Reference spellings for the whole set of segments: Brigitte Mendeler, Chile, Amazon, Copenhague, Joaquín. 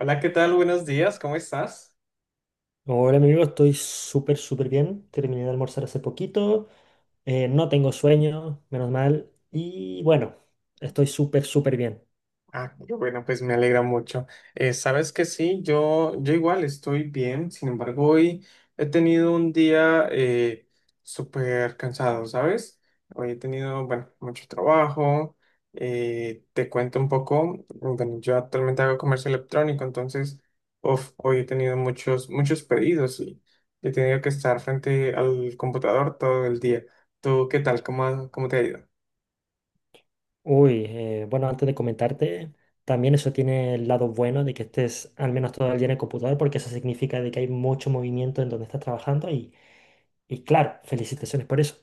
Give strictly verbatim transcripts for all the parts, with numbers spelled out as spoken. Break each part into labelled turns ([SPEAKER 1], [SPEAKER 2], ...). [SPEAKER 1] Hola, ¿qué tal? Buenos días, ¿cómo estás?
[SPEAKER 2] Hola, mi amigo, estoy súper, súper bien. Terminé de almorzar hace poquito. Eh, no tengo sueño, menos mal. Y bueno, estoy súper, súper bien.
[SPEAKER 1] Ah, qué bueno, pues me alegra mucho. Eh, sabes que sí, yo, yo igual estoy bien. Sin embargo, hoy he tenido un día eh, súper cansado, ¿sabes? Hoy he tenido, bueno, mucho trabajo. Eh, te cuento un poco. Bueno, yo actualmente hago comercio electrónico, entonces, uf, hoy he tenido muchos, muchos pedidos y he tenido que estar frente al computador todo el día. ¿Tú qué tal? ¿Cómo, ha- cómo te ha ido?
[SPEAKER 2] Uy, eh, bueno, antes de comentarte, también eso tiene el lado bueno de que estés al menos todo el día en el computador, porque eso significa de que hay mucho movimiento en donde estás trabajando y, y claro, felicitaciones por eso.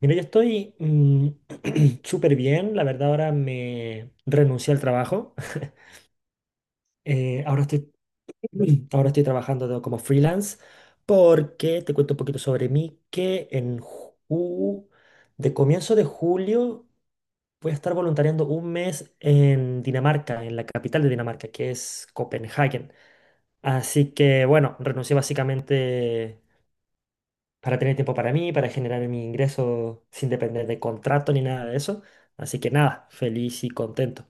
[SPEAKER 2] Mira, yo estoy mm, súper bien. La verdad, ahora me renuncié al trabajo. Eh, ahora estoy ahora estoy trabajando de- como freelance, porque te cuento un poquito sobre mí, que en ju- de comienzo de julio voy a estar voluntariando un mes en Dinamarca, en la capital de Dinamarca, que es Copenhague. Así que bueno, renuncié básicamente para tener tiempo para mí, para generar mi ingreso sin depender de contrato ni nada de eso. Así que nada, feliz y contento.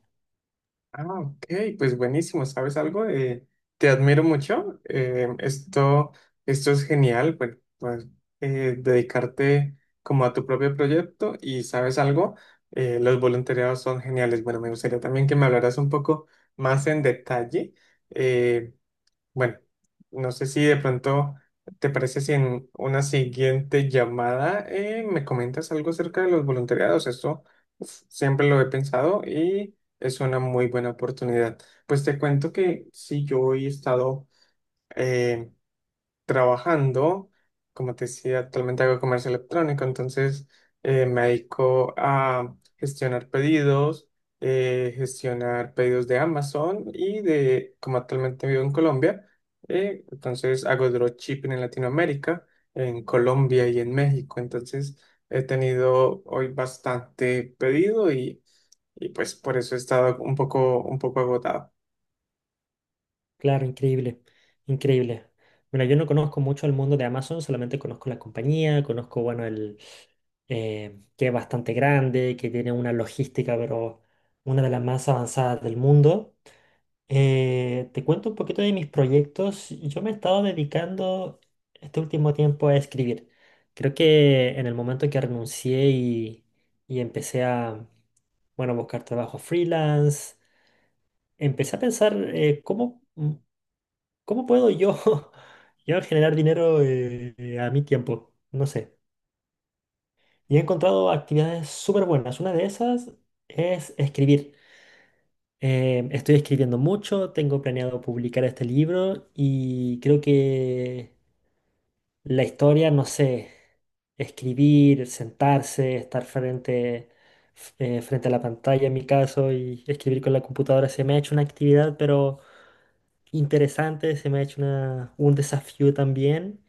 [SPEAKER 1] Ah, ok, pues buenísimo, ¿sabes algo? Eh, te admiro mucho. Eh, esto, esto es genial. Pues, pues, eh, dedicarte como a tu propio proyecto. Y ¿sabes algo? Eh, los voluntariados son geniales. Bueno, me gustaría también que me hablaras un poco más en detalle, eh, bueno, no sé si de pronto te parece si en una siguiente llamada eh, me comentas algo acerca de los voluntariados. Esto, uf, siempre lo he pensado y es una muy buena oportunidad. Pues te cuento que si yo hoy he estado eh, trabajando. Como te decía, actualmente hago comercio electrónico, entonces eh, me dedico a gestionar pedidos, eh, gestionar pedidos de Amazon. Y de, como actualmente vivo en Colombia, eh, entonces hago dropshipping en Latinoamérica, en Colombia y en México. Entonces he tenido hoy bastante pedido y, y pues por eso he estado un poco, un poco agotado.
[SPEAKER 2] Claro, increíble, increíble. Bueno, yo no conozco mucho el mundo de Amazon, solamente conozco la compañía, conozco, bueno, el eh, que es bastante grande, que tiene una logística, pero una de las más avanzadas del mundo. Eh, te cuento un poquito de mis proyectos. Yo me he estado dedicando este último tiempo a escribir. Creo que en el momento en que renuncié y, y empecé a, bueno, buscar trabajo freelance, empecé a pensar eh, cómo... ¿Cómo puedo yo, yo generar dinero eh, a mi tiempo? No sé. Y he encontrado actividades súper buenas. Una de esas es escribir. Eh, estoy escribiendo mucho, tengo planeado publicar este libro y creo que la historia, no sé, escribir, sentarse, estar frente, f- eh, frente a la pantalla en mi caso, y escribir con la computadora se me ha hecho una actividad, pero interesante, se me ha hecho una- un desafío también.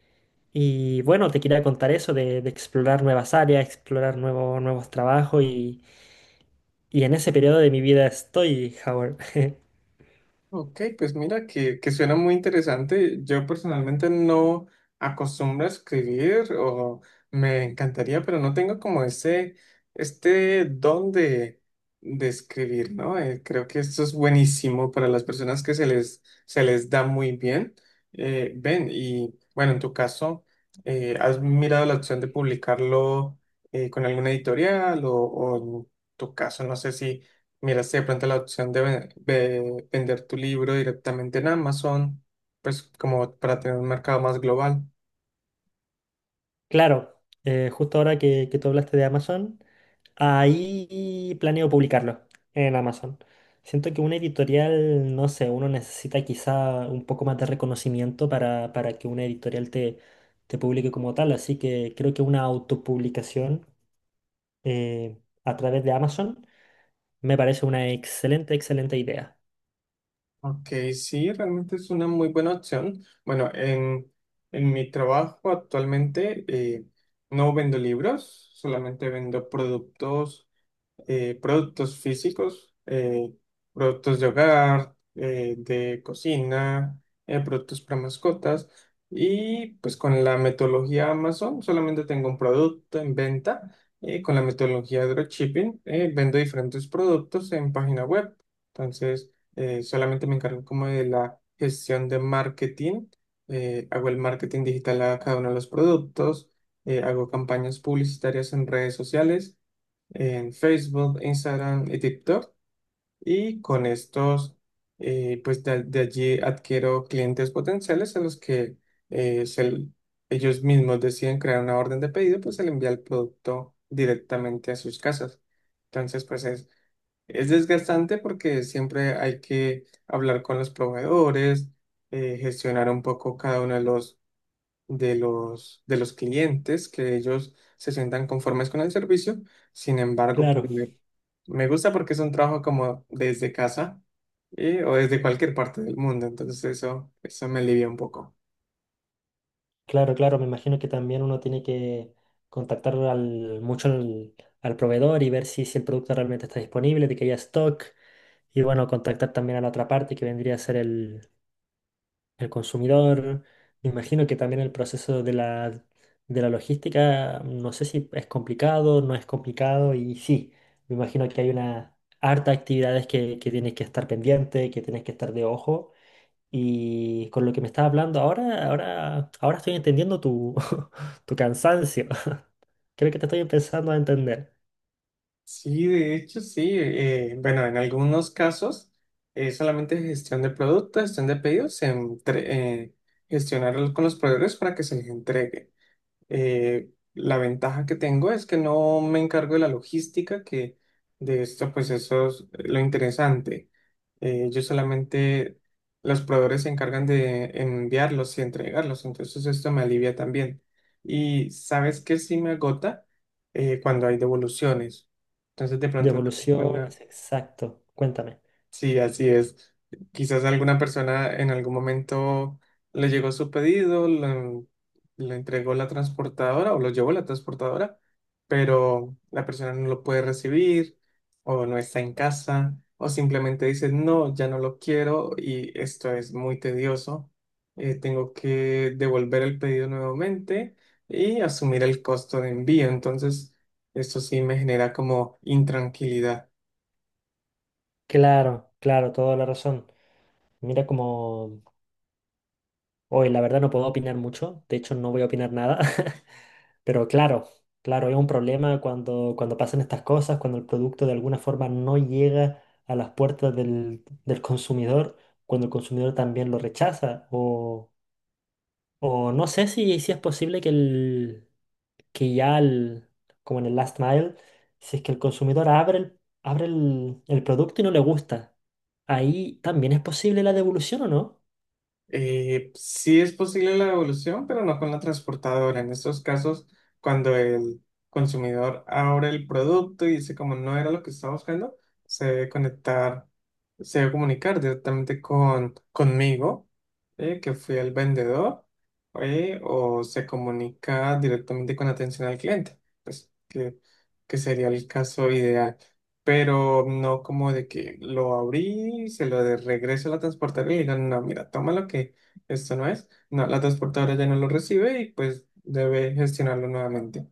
[SPEAKER 2] Y bueno, te quería contar eso de, de explorar nuevas áreas, explorar nuevo- nuevos trabajos, y, y en ese periodo de mi vida estoy, Howard.
[SPEAKER 1] Ok, pues mira que, que suena muy interesante. Yo personalmente no acostumbro a escribir, o me encantaría, pero no tengo como ese, este don de, de escribir, ¿no? Eh, creo que esto es buenísimo para las personas que se les, se les da muy bien. Eh, ven, y bueno, en tu caso, eh, ¿has mirado la opción de publicarlo eh, con alguna editorial? O, o en tu caso, no sé si... Mira, si de pronto la opción de, ve- ve- vender tu libro directamente en Amazon, pues como para tener un mercado más global.
[SPEAKER 2] Claro, eh, justo ahora que, que tú hablaste de Amazon, ahí planeo publicarlo en Amazon. Siento que una editorial, no sé, uno necesita quizá un poco más de reconocimiento para, para que una editorial te, te publique como tal, así que creo que una autopublicación eh, a través de Amazon me parece una excelente, excelente idea.
[SPEAKER 1] Ok, sí, realmente es una muy buena opción. Bueno, en, en mi trabajo actualmente eh, no vendo libros, solamente vendo productos. Eh, productos físicos, eh, productos de hogar, eh, de cocina, eh, productos para mascotas. Y pues con la metodología Amazon solamente tengo un producto en venta. Eh, con la metodología dropshipping eh, vendo diferentes productos en página web. Entonces eh, solamente me encargo como de la gestión de marketing. Eh, hago el marketing digital a cada uno de los productos. Eh, hago campañas publicitarias en redes sociales, en Facebook, Instagram y TikTok. Y con estos, eh, pues de, de allí adquiero clientes potenciales a los que eh, se- ellos mismos deciden crear una orden de pedido, pues se le envía el producto directamente a sus casas. Entonces, pues es, es desgastante porque siempre hay que hablar con los proveedores, eh, gestionar un poco cada uno de los, de los, de los clientes, que ellos se sientan conformes con el servicio. Sin embargo, pues,
[SPEAKER 2] Claro,
[SPEAKER 1] me gusta porque es un trabajo como desde casa y- o desde cualquier parte del mundo. Entonces eso, eso me alivia un poco.
[SPEAKER 2] claro, claro. Me imagino que también uno tiene que contactar al, mucho al, al proveedor y ver si, si el producto realmente está disponible, de que haya stock. Y bueno, contactar también a la otra parte que vendría a ser el, el consumidor. Me imagino que también el proceso de la, de la logística, no sé si es complicado, no es complicado. Y sí, me imagino que hay una harta actividades que, que tienes que estar pendiente, que tienes que estar de ojo. Y con lo que me estás hablando ahora, ahora, ahora estoy entendiendo tu, tu cansancio. Creo que te estoy empezando a entender.
[SPEAKER 1] Sí, de hecho, sí. Eh, bueno, en algunos casos es solamente gestión de productos, gestión de pedidos, entre- eh, gestionar con los proveedores para que se les entregue. Eh, la ventaja que tengo es que no me encargo de la logística, que de esto pues eso es lo interesante. Eh, yo solamente, los proveedores se encargan de enviarlos y entregarlos. Entonces esto me alivia también. Y sabes que sí me agota Eh, cuando hay devoluciones. Entonces de
[SPEAKER 2] De
[SPEAKER 1] pronto una persona...
[SPEAKER 2] evoluciones, exacto. Cuéntame.
[SPEAKER 1] Sí, así es. Quizás alguna persona en algún momento le llegó su pedido, lo, lo entregó la transportadora o lo llevó la transportadora, pero la persona no lo puede recibir, o no está en casa, o simplemente dice, no, ya no lo quiero, y esto es muy tedioso. Eh, tengo que devolver el pedido nuevamente y asumir el costo de envío. Entonces, esto sí me genera como intranquilidad.
[SPEAKER 2] Claro, claro, toda la razón. Mira como... Hoy, la verdad no puedo opinar mucho. De hecho, no voy a opinar nada. Pero claro, claro, es un problema cuando, cuando pasan estas cosas, cuando el producto de alguna forma no llega a las puertas del, del consumidor, cuando el consumidor también lo rechaza. O no sé si, si es posible que, el, que ya, el, como en el last mile, si es que el consumidor abre el, abre el, el producto y no le gusta, ahí también es posible la devolución o no.
[SPEAKER 1] Eh, sí es posible la devolución, pero no con la transportadora. En estos casos, cuando el consumidor abre el producto y dice como no era lo que estaba buscando, se debe conectar, se debe comunicar directamente con, conmigo, eh, que fui el vendedor, eh, o se comunica directamente con atención al cliente, pues que, que sería el caso ideal, pero no como de que lo abrí, se lo de regreso a la transportadora y le digan, no, mira, tómalo que esto no es. No, la transportadora ya no lo recibe y pues debe gestionarlo nuevamente.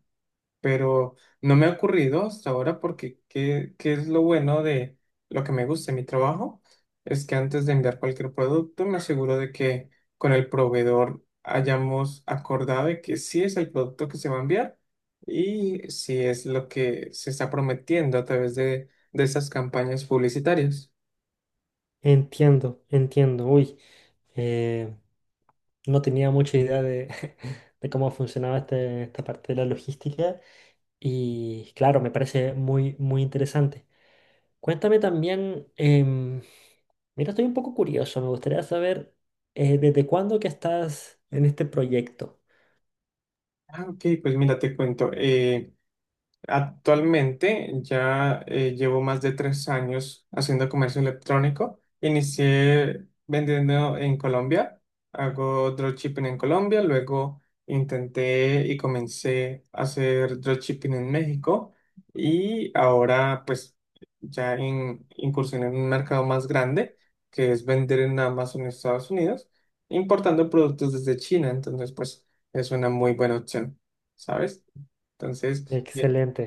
[SPEAKER 1] Pero no me ha ocurrido hasta ahora porque qué, qué es lo bueno de lo que me gusta de mi trabajo, es que antes de enviar cualquier producto me aseguro de que con el proveedor hayamos acordado de que sí es el producto que se va a enviar, y si es lo que se está prometiendo a través de, de esas campañas publicitarias.
[SPEAKER 2] Entiendo, entiendo. Uy, eh, no tenía mucha idea de, de cómo funcionaba este- esta parte de la logística, y claro, me parece muy, muy interesante. Cuéntame también, em, mira, estoy un poco curioso, me gustaría saber eh, desde cuándo que estás en este proyecto.
[SPEAKER 1] Ah, ok, pues mira, te cuento. eh, Actualmente ya eh, llevo más de tres años haciendo comercio electrónico. Inicié vendiendo en Colombia, hago dropshipping en Colombia, luego intenté y comencé a hacer dropshipping en México, y ahora pues ya en, incursioné en un mercado más grande, que es vender en Amazon en Estados Unidos, importando productos desde China. Entonces pues es una muy buena opción, ¿sabes? Entonces...
[SPEAKER 2] Excelente,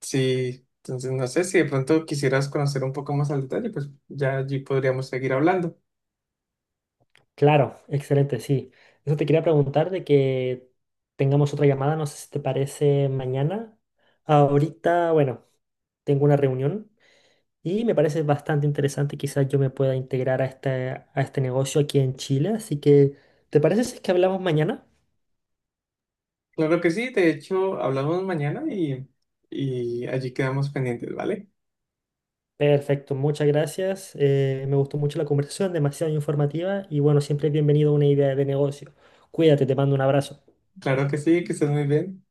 [SPEAKER 1] Sí, entonces no sé si de pronto quisieras conocer un poco más al detalle, pues ya allí podríamos seguir hablando.
[SPEAKER 2] claro, excelente, sí. Eso te quería preguntar de que tengamos otra llamada, no sé si te parece mañana. Ahorita, bueno, tengo una reunión y me parece bastante interesante, quizás yo me pueda integrar a este, a este negocio aquí en Chile, así que ¿te parece si es que hablamos mañana?
[SPEAKER 1] Claro que sí, de hecho, hablamos mañana y, y allí quedamos pendientes, ¿vale?
[SPEAKER 2] Perfecto, muchas gracias. Eh, me gustó mucho la conversación, demasiado informativa, y bueno, siempre es bienvenido a una idea de negocio. Cuídate, te mando un abrazo.
[SPEAKER 1] Claro que sí, que estés muy bien.